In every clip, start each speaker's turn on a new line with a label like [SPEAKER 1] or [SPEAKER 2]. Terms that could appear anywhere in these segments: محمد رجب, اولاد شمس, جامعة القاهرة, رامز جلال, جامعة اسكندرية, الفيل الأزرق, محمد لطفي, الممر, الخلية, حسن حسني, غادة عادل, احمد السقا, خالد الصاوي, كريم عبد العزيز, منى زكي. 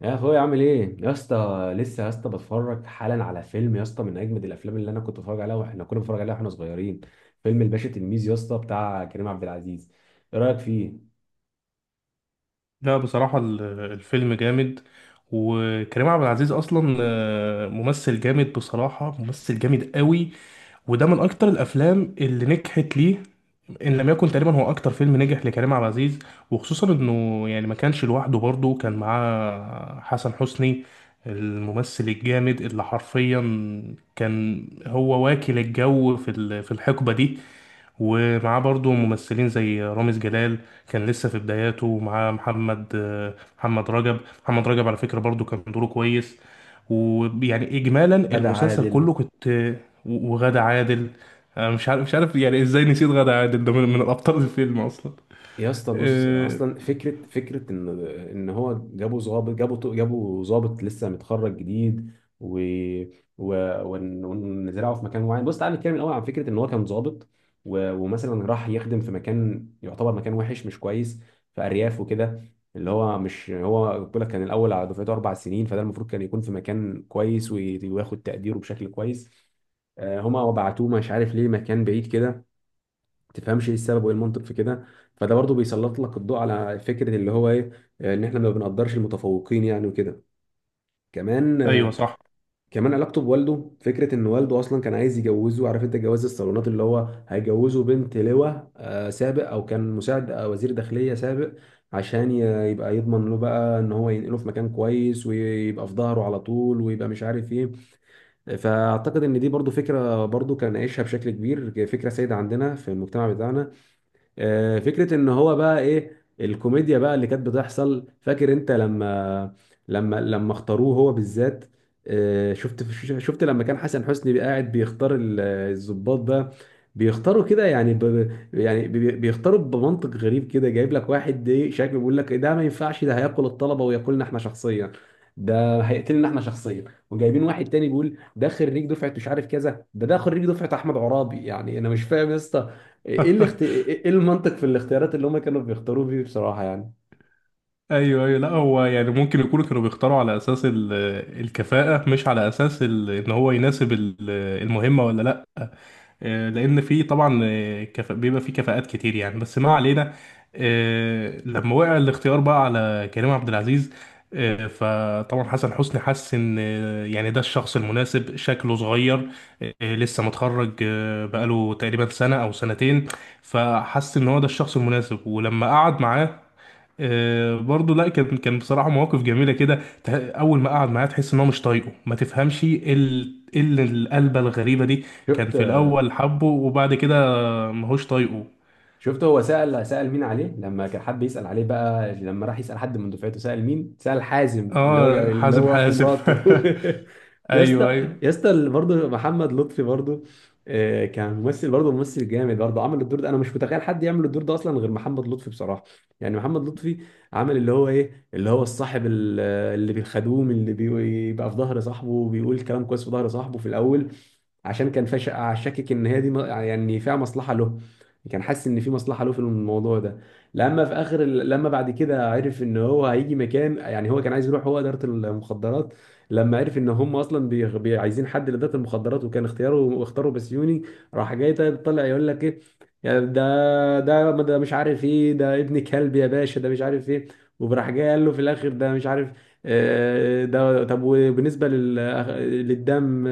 [SPEAKER 1] يا اخويا، عامل ايه يا اسطى؟ لسه يا اسطى بتفرج حالا على فيلم يا اسطى من اجمد الافلام اللي انا كنت بتفرج عليها واحنا كنا بنتفرج عليها واحنا صغيرين. فيلم الباشا تلميذ يا اسطى بتاع كريم عبد العزيز. ايه رايك فيه؟
[SPEAKER 2] لا، بصراحة الفيلم جامد. وكريم عبد العزيز أصلا ممثل جامد، بصراحة ممثل جامد قوي. وده من أكتر الأفلام اللي نجحت ليه. إن لم يكن تقريبا هو أكتر فيلم نجح لكريم عبد العزيز. وخصوصا إنه يعني ما كانش لوحده، برضه كان معاه حسن حسني، الممثل الجامد اللي حرفيا كان هو واكل الجو في الحقبة دي. ومعاه برضو ممثلين زي رامز جلال، كان لسه في بداياته. ومعاه محمد رجب. محمد رجب على فكرة برضو كان دوره كويس. ويعني إجمالا
[SPEAKER 1] غادة
[SPEAKER 2] المسلسل كله
[SPEAKER 1] عادل.
[SPEAKER 2] كنت وغادة عادل. أنا مش عارف يعني إزاي نسيت غادة عادل، ده من الأبطال الفيلم أصلا.
[SPEAKER 1] يا اسطى بص
[SPEAKER 2] آه،
[SPEAKER 1] اصلا فكره ان هو جابوا ظابط، جابوا ظابط لسه متخرج جديد، و و ونزرعه في مكان معين. بص تعالى نتكلم الاول عن فكره ان هو كان ظابط، ومثلا راح يخدم في مكان يعتبر مكان وحش مش كويس، في ارياف وكده. اللي هو مش هو بيقول لك كان الاول على دفعته اربع سنين، فده المفروض كان يكون في مكان كويس وياخد تقديره بشكل كويس. هما بعتوه مش عارف ليه مكان بعيد كده. تفهمش ايه السبب وايه المنطق في كده؟ فده برضو بيسلط لك الضوء على فكره اللي هو ايه، ان احنا ما بنقدرش المتفوقين يعني وكده. كمان،
[SPEAKER 2] أيوه صح.
[SPEAKER 1] كمان علاقته بوالده، فكره ان والده اصلا كان عايز يجوزه. عارف انت جواز الصالونات، اللي ههو هيجوزه بنت لواء سابق او كان مساعد وزير داخليه سابق، عشان يبقى يضمن له بقى ان هو ينقله في مكان كويس ويبقى في ظهره على طول ويبقى مش عارف ايه. فاعتقد ان دي برضو فكره برضو كان عايشها بشكل كبير، فكره سائده عندنا في المجتمع بتاعنا. فكرة ان هو بقى ايه الكوميديا بقى اللي كانت بتحصل. فاكر انت لما لما اختاروه هو بالذات؟ شفت، شفت لما كان حسن حسني قاعد بيختار الضباط بقى، بيختاروا كده يعني بيختاروا بمنطق غريب كده، جايب لك واحد ايه شكله، بيقول لك ده ما ينفعش، ده هياكل الطلبة وياكلنا احنا شخصيا، ده هيقتلنا احنا شخصيا. وجايبين واحد تاني بيقول ده خريج دفعه مش عارف كذا، ده خريج دفعه احمد عرابي. يعني انا مش فاهم يا اسطى ايه ايه المنطق في الاختيارات اللي هم كانوا بيختاروه فيه بصراحة يعني.
[SPEAKER 2] ايوه، ايوه، لا هو يعني ممكن يكونوا كانوا بيختاروا على الكفاءة، مش على ان هو يناسب المهمة، ولا لا. آه، لان في طبعا بيبقى في كفاءات كتير يعني، بس ما علينا. لما وقع الاختيار بقى على كريم عبد العزيز، فطبعا حسن حسني حس ان، يعني ده الشخص المناسب، شكله صغير، لسه متخرج، بقاله تقريبا سنة او سنتين. فحس ان هو ده الشخص المناسب. ولما قعد معاه، برضه، لا كان بصراحه مواقف جميله كده. اول ما قعد معاه تحس ان هو مش طايقه، ما تفهمش إيه ال القلبه الغريبه دي. كان
[SPEAKER 1] شفت،
[SPEAKER 2] في الاول حبه، وبعد كده ماهوش طايقه.
[SPEAKER 1] شفت هو سأل مين عليه؟ لما كان حد يسأل عليه بقى، لما راح يسأل حد من دفعته، سأل مين؟ سأل حازم اللي هو
[SPEAKER 2] اه، حازم
[SPEAKER 1] اخو
[SPEAKER 2] حازم
[SPEAKER 1] مراته. يا اسطى،
[SPEAKER 2] ايوه، ايوه.
[SPEAKER 1] يا اسطى برضه محمد لطفي برضه، كان ممثل برضه، ممثل جامد برضه. عمل الدور ده، انا مش متخيل حد يعمل الدور ده اصلا غير محمد لطفي بصراحة. يعني محمد لطفي عمل اللي هو ايه، اللي هو الصاحب اللي بيخدوم، اللي بيبقى في ظهر صاحبه وبيقول كلام كويس في ظهر صاحبه في الاول عشان كان فاش، شاكك ان هي دي يعني فيها مصلحه له. كان حاسس ان في مصلحه له في الموضوع ده. لما في اخر لما بعد كده عرف ان هو هيجي مكان، يعني هو كان عايز يروح هو اداره المخدرات. لما عرف ان هم اصلا عايزين حد لاداره المخدرات، وكان اختياره اختاروا بسيوني، راح جاي طلع يقول لك ايه، يا ده مش عارف ايه، ده ابن كلب يا باشا، ده مش عارف ايه. وراح جاي قال له في الاخر ده مش عارف، ده طب وبالنسبه للدم،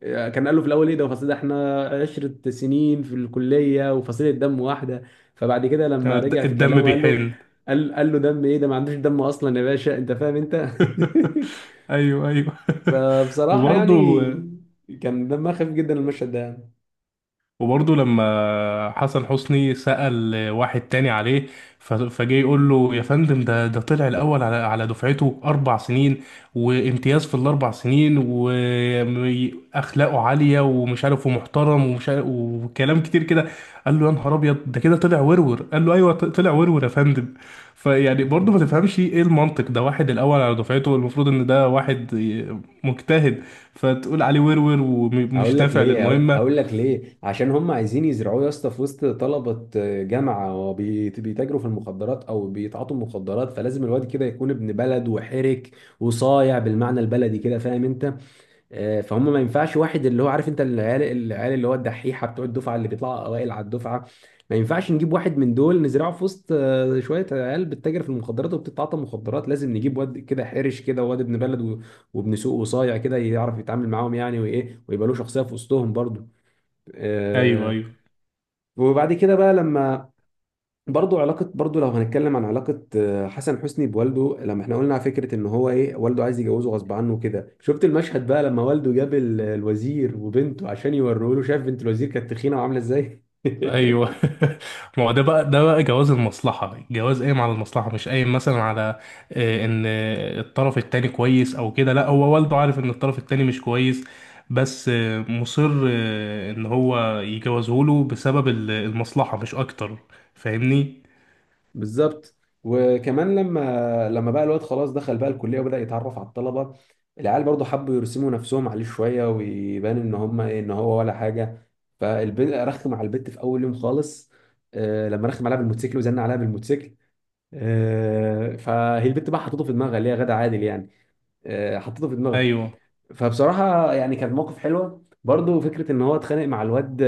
[SPEAKER 1] كان قال له في الاول ايه ده، فصل ده؟ احنا عشرة سنين في الكليه وفصيله دم واحده. فبعد كده
[SPEAKER 2] آه،
[SPEAKER 1] لما رجع في
[SPEAKER 2] الدم
[SPEAKER 1] كلامه قال له،
[SPEAKER 2] بيحن.
[SPEAKER 1] قال له دم ايه؟ ده ما عندوش دم اصلا يا باشا، انت فاهم انت.
[SPEAKER 2] ايوه، ايوه.
[SPEAKER 1] فبصراحه
[SPEAKER 2] وبرضه،
[SPEAKER 1] يعني كان دمها خفيف جدا المشهد ده يعني.
[SPEAKER 2] وبرضه لما حسن حسني سأل واحد تاني عليه، فجه يقول له يا فندم، ده طلع الأول على على دفعته أربع سنين، وامتياز في الأربع سنين، وأخلاقه عالية، ومش عارف، ومحترم، ومش عارف، وكلام كتير كده. قال له يا نهار أبيض، ده كده طلع ورور؟ قال له أيوه، طلع ورور يا فندم. فيعني برضه ما تفهمش إيه المنطق؟ ده واحد الأول على دفعته، المفروض إن ده واحد مجتهد، فتقول عليه ورور
[SPEAKER 1] هقول
[SPEAKER 2] ومش
[SPEAKER 1] لك
[SPEAKER 2] نافع
[SPEAKER 1] ليه، هقول
[SPEAKER 2] للمهمة.
[SPEAKER 1] هقول لك ليه، عشان هم عايزين يزرعوه يا اسطى في وسط طلبه جامعه بيتاجروا في المخدرات او بيتعاطوا مخدرات، فلازم الواد كده يكون ابن بلد وحرك وصايع بالمعنى البلدي كده، فاهم انت؟ فهم ما ينفعش واحد اللي هو عارف انت العيال، اللي هو الدحيحه بتوع الدفعه اللي بيطلعوا اوائل على الدفعه، ما ينفعش نجيب واحد من دول نزرعه في وسط شويه عيال بتتاجر في المخدرات وبتتعاطى مخدرات. لازم نجيب واد كده حرش كده، واد ابن بلد وابن سوق وصايع كده، يعرف يتعامل معاهم يعني، وايه ويبقى له شخصيه في وسطهم برضه.
[SPEAKER 2] أيوه،
[SPEAKER 1] آه،
[SPEAKER 2] أيوه،
[SPEAKER 1] وبعد كده بقى لما برضو علاقة، برضو لو هنتكلم عن علاقة حسن حسني بوالده، لما احنا قلنا على فكرة ان هو ايه والده عايز يجوزه غصب عنه كده، شفت المشهد بقى لما والده جاب الوزير وبنته عشان يوروه له؟ شاف بنت الوزير كانت تخينة وعاملة ازاي.
[SPEAKER 2] ايوه. ما هو ده بقى، ده بقى جواز المصلحه، جواز قايم على المصلحه، مش قايم مثلا على، ان الطرف التاني كويس او كده. لا، هو والده عارف ان الطرف التاني مش كويس، بس مصر ان هو يجوزه له بسبب المصلحه، مش اكتر. فاهمني؟
[SPEAKER 1] بالظبط. وكمان لما بقى الواد خلاص دخل بقى الكلية وبدأ يتعرف على الطلبة، العيال برضو حبوا يرسموا نفسهم عليه شوية ويبان ان هم ايه، ان هو ولا حاجة. فالبنت رخم على البت في اول يوم خالص، لما رخم عليها بالموتوسيكل، وزن عليها بالموتوسيكل. فهي البت بقى حطيته في دماغها، اللي هي غادة عادل يعني. حطيته في دماغها.
[SPEAKER 2] ايوه.
[SPEAKER 1] فبصراحة يعني كان موقف حلوة برضه، فكرة ان هو اتخانق مع الواد،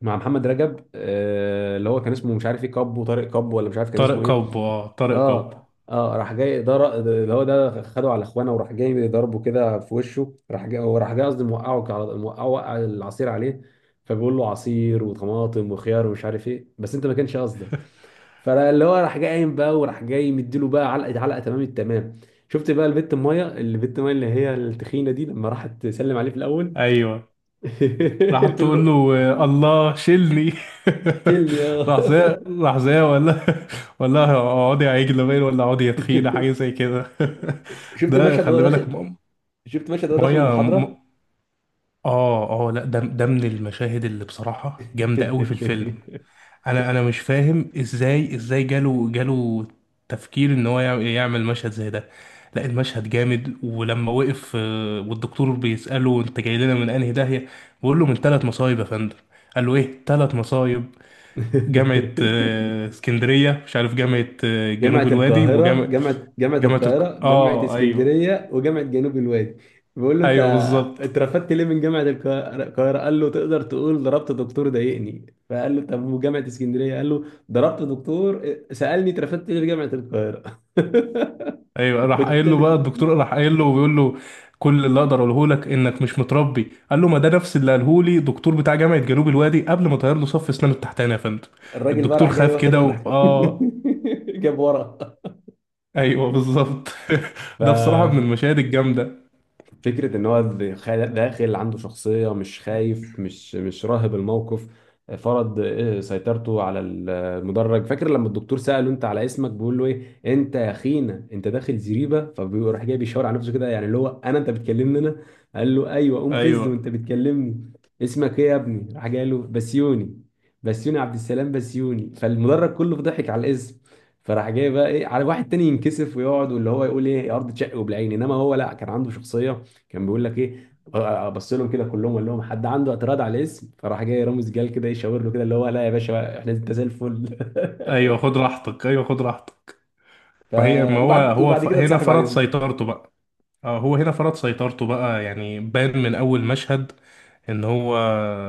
[SPEAKER 1] مع محمد رجب، اللي هو كان اسمه مش عارف ايه، كابو طارق، كابو ولا مش عارف كان
[SPEAKER 2] طارق
[SPEAKER 1] اسمه ايه.
[SPEAKER 2] كوب، اه، طارق كوب.
[SPEAKER 1] اه، اه، راح جاي ده اللي هو ده خده على اخوانه وراح جاي ضربه كده في وشه. راح جاي وراح جاي قصدي موقعه موقعه، وقع العصير عليه، فبيقول له عصير وطماطم وخيار ومش عارف ايه بس انت ما كانش قصدك. فاللي هو راح جاي قايم بقى، وراح جاي مديله بقى علقه، علقه تمام التمام. شفت بقى البت الميه، البت الميه اللي هي التخينه دي لما راحت تسلم عليه في الاول؟
[SPEAKER 2] ايوه، راح
[SPEAKER 1] قلت
[SPEAKER 2] تقول
[SPEAKER 1] له
[SPEAKER 2] له، آه، الله شيلني.
[SPEAKER 1] شيلني يا.
[SPEAKER 2] راح زي، راح زي ولا، ولا اقعدي يا عجلة باين، ولا اقعدي يا تخينة، حاجة زي كده.
[SPEAKER 1] شفت
[SPEAKER 2] ده
[SPEAKER 1] المشهد وهو
[SPEAKER 2] خلي بالك
[SPEAKER 1] داخل؟ شفت مشهد وهو داخل
[SPEAKER 2] مية
[SPEAKER 1] المحاضره؟
[SPEAKER 2] اه، اه، لا، ده ده من المشاهد اللي بصراحة جامدة قوي في الفيلم. انا مش فاهم ازاي جاله تفكير ان هو يعمل مشهد زي ده. لا، المشهد جامد. ولما وقف، والدكتور بيسأله انت جاي لنا من انهي داهية، بيقول له من ثلاث مصايب يا فندم. قال له ايه ثلاث مصايب؟ جامعة اسكندرية، مش عارف، جامعة جنوب
[SPEAKER 1] جامعة
[SPEAKER 2] الوادي،
[SPEAKER 1] القاهرة،
[SPEAKER 2] وجامعة،
[SPEAKER 1] جامعة القاهرة، جامعة
[SPEAKER 2] اه، ايوه.
[SPEAKER 1] اسكندرية وجامعة جنوب الوادي. بقول له انت
[SPEAKER 2] ايوه بالظبط.
[SPEAKER 1] اترفدت ليه من جامعة القاهرة؟ القاهرة؟ قال له تقدر تقول ضربت دكتور ضايقني. فقال له طب وجامعة اسكندرية؟ قال له ضربت دكتور سألني اترفدت ليه في جامعة القاهرة.
[SPEAKER 2] ايوه، راح قايل له بقى
[SPEAKER 1] والتالت،
[SPEAKER 2] الدكتور، راح قايل له وبيقول له كل اللي اقدر اقوله لك انك مش متربي. قال له ما ده نفس اللي قاله لي دكتور بتاع جامعه جنوب الوادي، قبل ما طير له صف اسنانه التحتاني يا فندم.
[SPEAKER 1] الراجل بقى
[SPEAKER 2] الدكتور
[SPEAKER 1] راح جاي
[SPEAKER 2] خاف
[SPEAKER 1] واخد
[SPEAKER 2] كده
[SPEAKER 1] ورا.
[SPEAKER 2] اه،
[SPEAKER 1] جاب ورا.
[SPEAKER 2] ايوه بالظبط.
[SPEAKER 1] ف...
[SPEAKER 2] ده بصراحه من المشاهد الجامده.
[SPEAKER 1] فكرة إن هو داخل عنده شخصية، مش خايف، مش راهب الموقف، فرض إيه سيطرته على المدرج. فاكر لما الدكتور سأله أنت على اسمك، بيقول له إيه أنت يا خينا أنت داخل زريبة؟ فبيروح جاي بيشاور على نفسه كده، يعني اللي هو أنا، أنت بتكلمني أنا؟ قال له أيوه، قوم فز
[SPEAKER 2] ايوه،
[SPEAKER 1] وأنت بتكلمني. اسمك إيه يا ابني؟ راح جاي قال له بسيوني، بسيوني عبد السلام بسيوني. فالمدرج كله ضحك على الاسم. فراح جاي بقى ايه، على واحد تاني ينكسف ويقعد واللي هو يقول ايه يا ارض تشق وبالعين، انما هو لا، كان عنده شخصيه. كان بيقول لك ايه، ابص لهم كده كلهم وقال لهم حد عنده اعتراض على الاسم؟ فراح جاي رامز جال كده يشاور له كده، اللي هو لا يا باشا احنا، انت زي الفل.
[SPEAKER 2] ايوه، خد راحتك، ايوه خد راحتك.
[SPEAKER 1] ف،
[SPEAKER 2] ما هي، ما هو
[SPEAKER 1] وبعد
[SPEAKER 2] هو
[SPEAKER 1] وبعد كده
[SPEAKER 2] هنا
[SPEAKER 1] اتصاحب
[SPEAKER 2] فرض
[SPEAKER 1] عليهم.
[SPEAKER 2] سيطرته بقى. اه، هو هنا فرض سيطرته بقى، يعني بان من اول مشهد ان هو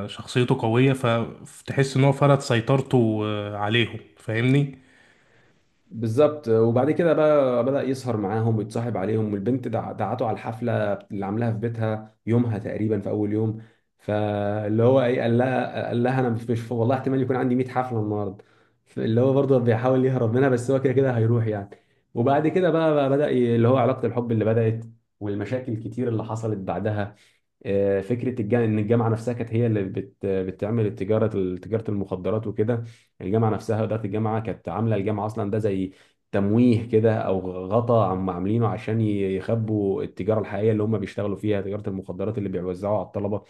[SPEAKER 2] شخصيته قوية. فتحس ان هو فرض سيطرته عليهم. فاهمني؟
[SPEAKER 1] بالظبط. وبعد كده بقى بدأ يسهر معاهم ويتصاحب عليهم. والبنت دعته على الحفلة اللي عاملاها في بيتها يومها تقريبا في أول يوم. فاللي هو إيه، قال لها أنا مش والله احتمال يكون عندي 100 حفلة النهاردة. اللي هو برضه بيحاول يهرب منها، بس هو كده كده هيروح يعني. وبعد كده بقى بدأ اللي هو علاقة الحب اللي بدأت والمشاكل الكتير اللي حصلت بعدها. فكره الجامعه ان الجامعه نفسها كانت هي اللي بتعمل التجاره، تجاره المخدرات وكده. الجامعه نفسها، اداره الجامعه كانت عامله الجامعه اصلا ده زي تمويه كده او غطا عم عاملينه عشان يخبوا التجاره الحقيقيه اللي هم بيشتغلوا فيها، تجاره المخدرات اللي بيوزعوها على الطلبه.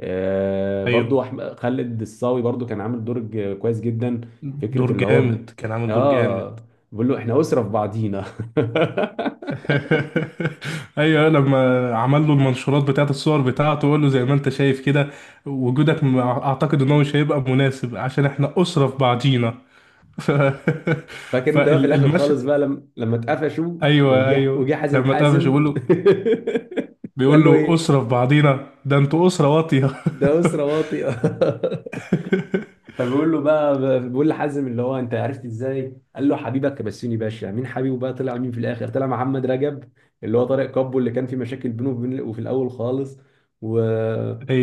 [SPEAKER 2] ايوه.
[SPEAKER 1] برضو خالد الصاوي برضو كان عامل دور كويس جدا.
[SPEAKER 2] دور
[SPEAKER 1] فكره اللي هو
[SPEAKER 2] جامد، كان عامل دور جامد.
[SPEAKER 1] اه، بيقول له احنا اسره في بعضينا.
[SPEAKER 2] ايوه، لما عمل له المنشورات بتاعت الصور بتاعته، وقال له زي ما انت شايف كده وجودك، اعتقد ان هو مش هيبقى مناسب، عشان احنا اسرة في بعضينا. ف...
[SPEAKER 1] فاكر انت بقى في الاخر خالص
[SPEAKER 2] فالمشهد،
[SPEAKER 1] بقى لما اتقفشوا،
[SPEAKER 2] ايوه،
[SPEAKER 1] وجه
[SPEAKER 2] ايوه.
[SPEAKER 1] حازم،
[SPEAKER 2] لما اتقفش
[SPEAKER 1] حازم.
[SPEAKER 2] يقول له، بيقول
[SPEAKER 1] قال له
[SPEAKER 2] له
[SPEAKER 1] ايه؟
[SPEAKER 2] أسرة في بعضينا؟ ده انتوا أسرة واطية.
[SPEAKER 1] ده اسره واطئه. فبيقول له بقى، بيقول لحازم اللي هو انت عرفت ازاي؟ قال له حبيبك بسيوني باشا. مين حبيبه بقى؟ طلع مين في الاخر؟ طلع محمد رجب، اللي هو طارق كابو، اللي كان في مشاكل بينه وبين، وفي الاول خالص. و...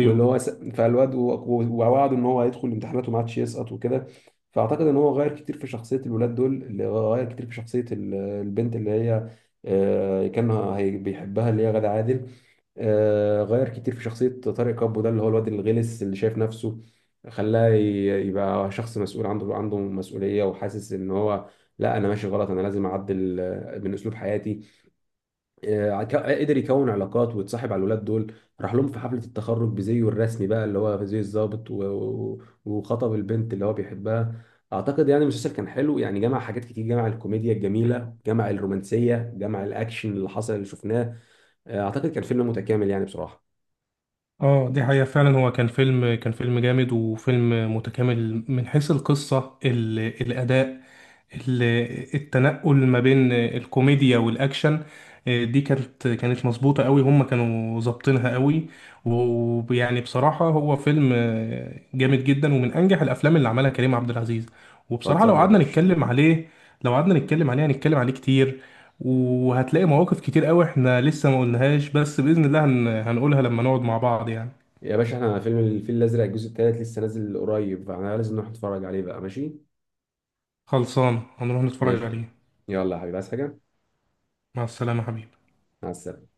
[SPEAKER 1] واللي هو فالواد ووعده ان هو هيدخل الامتحانات وما عادش يسقط وكده. فاعتقد ان هو غير كتير في شخصيه الولاد دول، اللي هو غير كتير في شخصيه البنت اللي هي كان بيحبها، اللي هي غادة عادل. غير كتير في شخصية طارق كابو ده، اللي هو الواد الغلس اللي شايف نفسه، خلاه يبقى شخص مسؤول، عنده مسؤولية، وحاسس ان هو لا انا ماشي غلط، انا لازم اعدل من اسلوب حياتي. قدر يكون علاقات ويتصاحب على الولاد دول. راح لهم في حفلة التخرج بزيه الرسمي بقى، اللي هو زي الضابط، وخطب البنت اللي هو بيحبها. اعتقد يعني المسلسل كان حلو يعني، جمع حاجات كتير، جمع الكوميديا الجميلة، جمع الرومانسية، جمع الاكشن اللي حصل اللي شفناه. اعتقد كان فيلم متكامل يعني بصراحة.
[SPEAKER 2] اه، دي حقيقة، فعلا هو كان فيلم، كان فيلم جامد، وفيلم متكامل من حيث القصة، الأداء، ال... التنقل ما بين الكوميديا والأكشن. دي كانت، كانت مظبوطة قوي، هم كانوا ظابطينها قوي. ويعني بصراحة هو فيلم جامد جدا، ومن أنجح الأفلام اللي عملها كريم عبد العزيز. وبصراحة لو
[SPEAKER 1] خلصانه يا
[SPEAKER 2] قعدنا
[SPEAKER 1] باشا.
[SPEAKER 2] نتكلم عليه، لو قعدنا نتكلم عليه هنتكلم عليه كتير. وهتلاقي مواقف كتير قوي احنا لسه ما قلناهاش، بس بإذن الله هنقولها لما نقعد مع بعض يعني.
[SPEAKER 1] يا باشا احنا فيلم الفيل الازرق الجزء الثالث لسه نازل قريب، فاحنا لازم نروح نتفرج عليه بقى، ماشي؟
[SPEAKER 2] خلصان، هنروح نتفرج
[SPEAKER 1] ماشي.
[SPEAKER 2] عليه.
[SPEAKER 1] يلا يا حبيبي، عايز حاجه؟
[SPEAKER 2] مع السلامة حبيبي.
[SPEAKER 1] مع السلامه.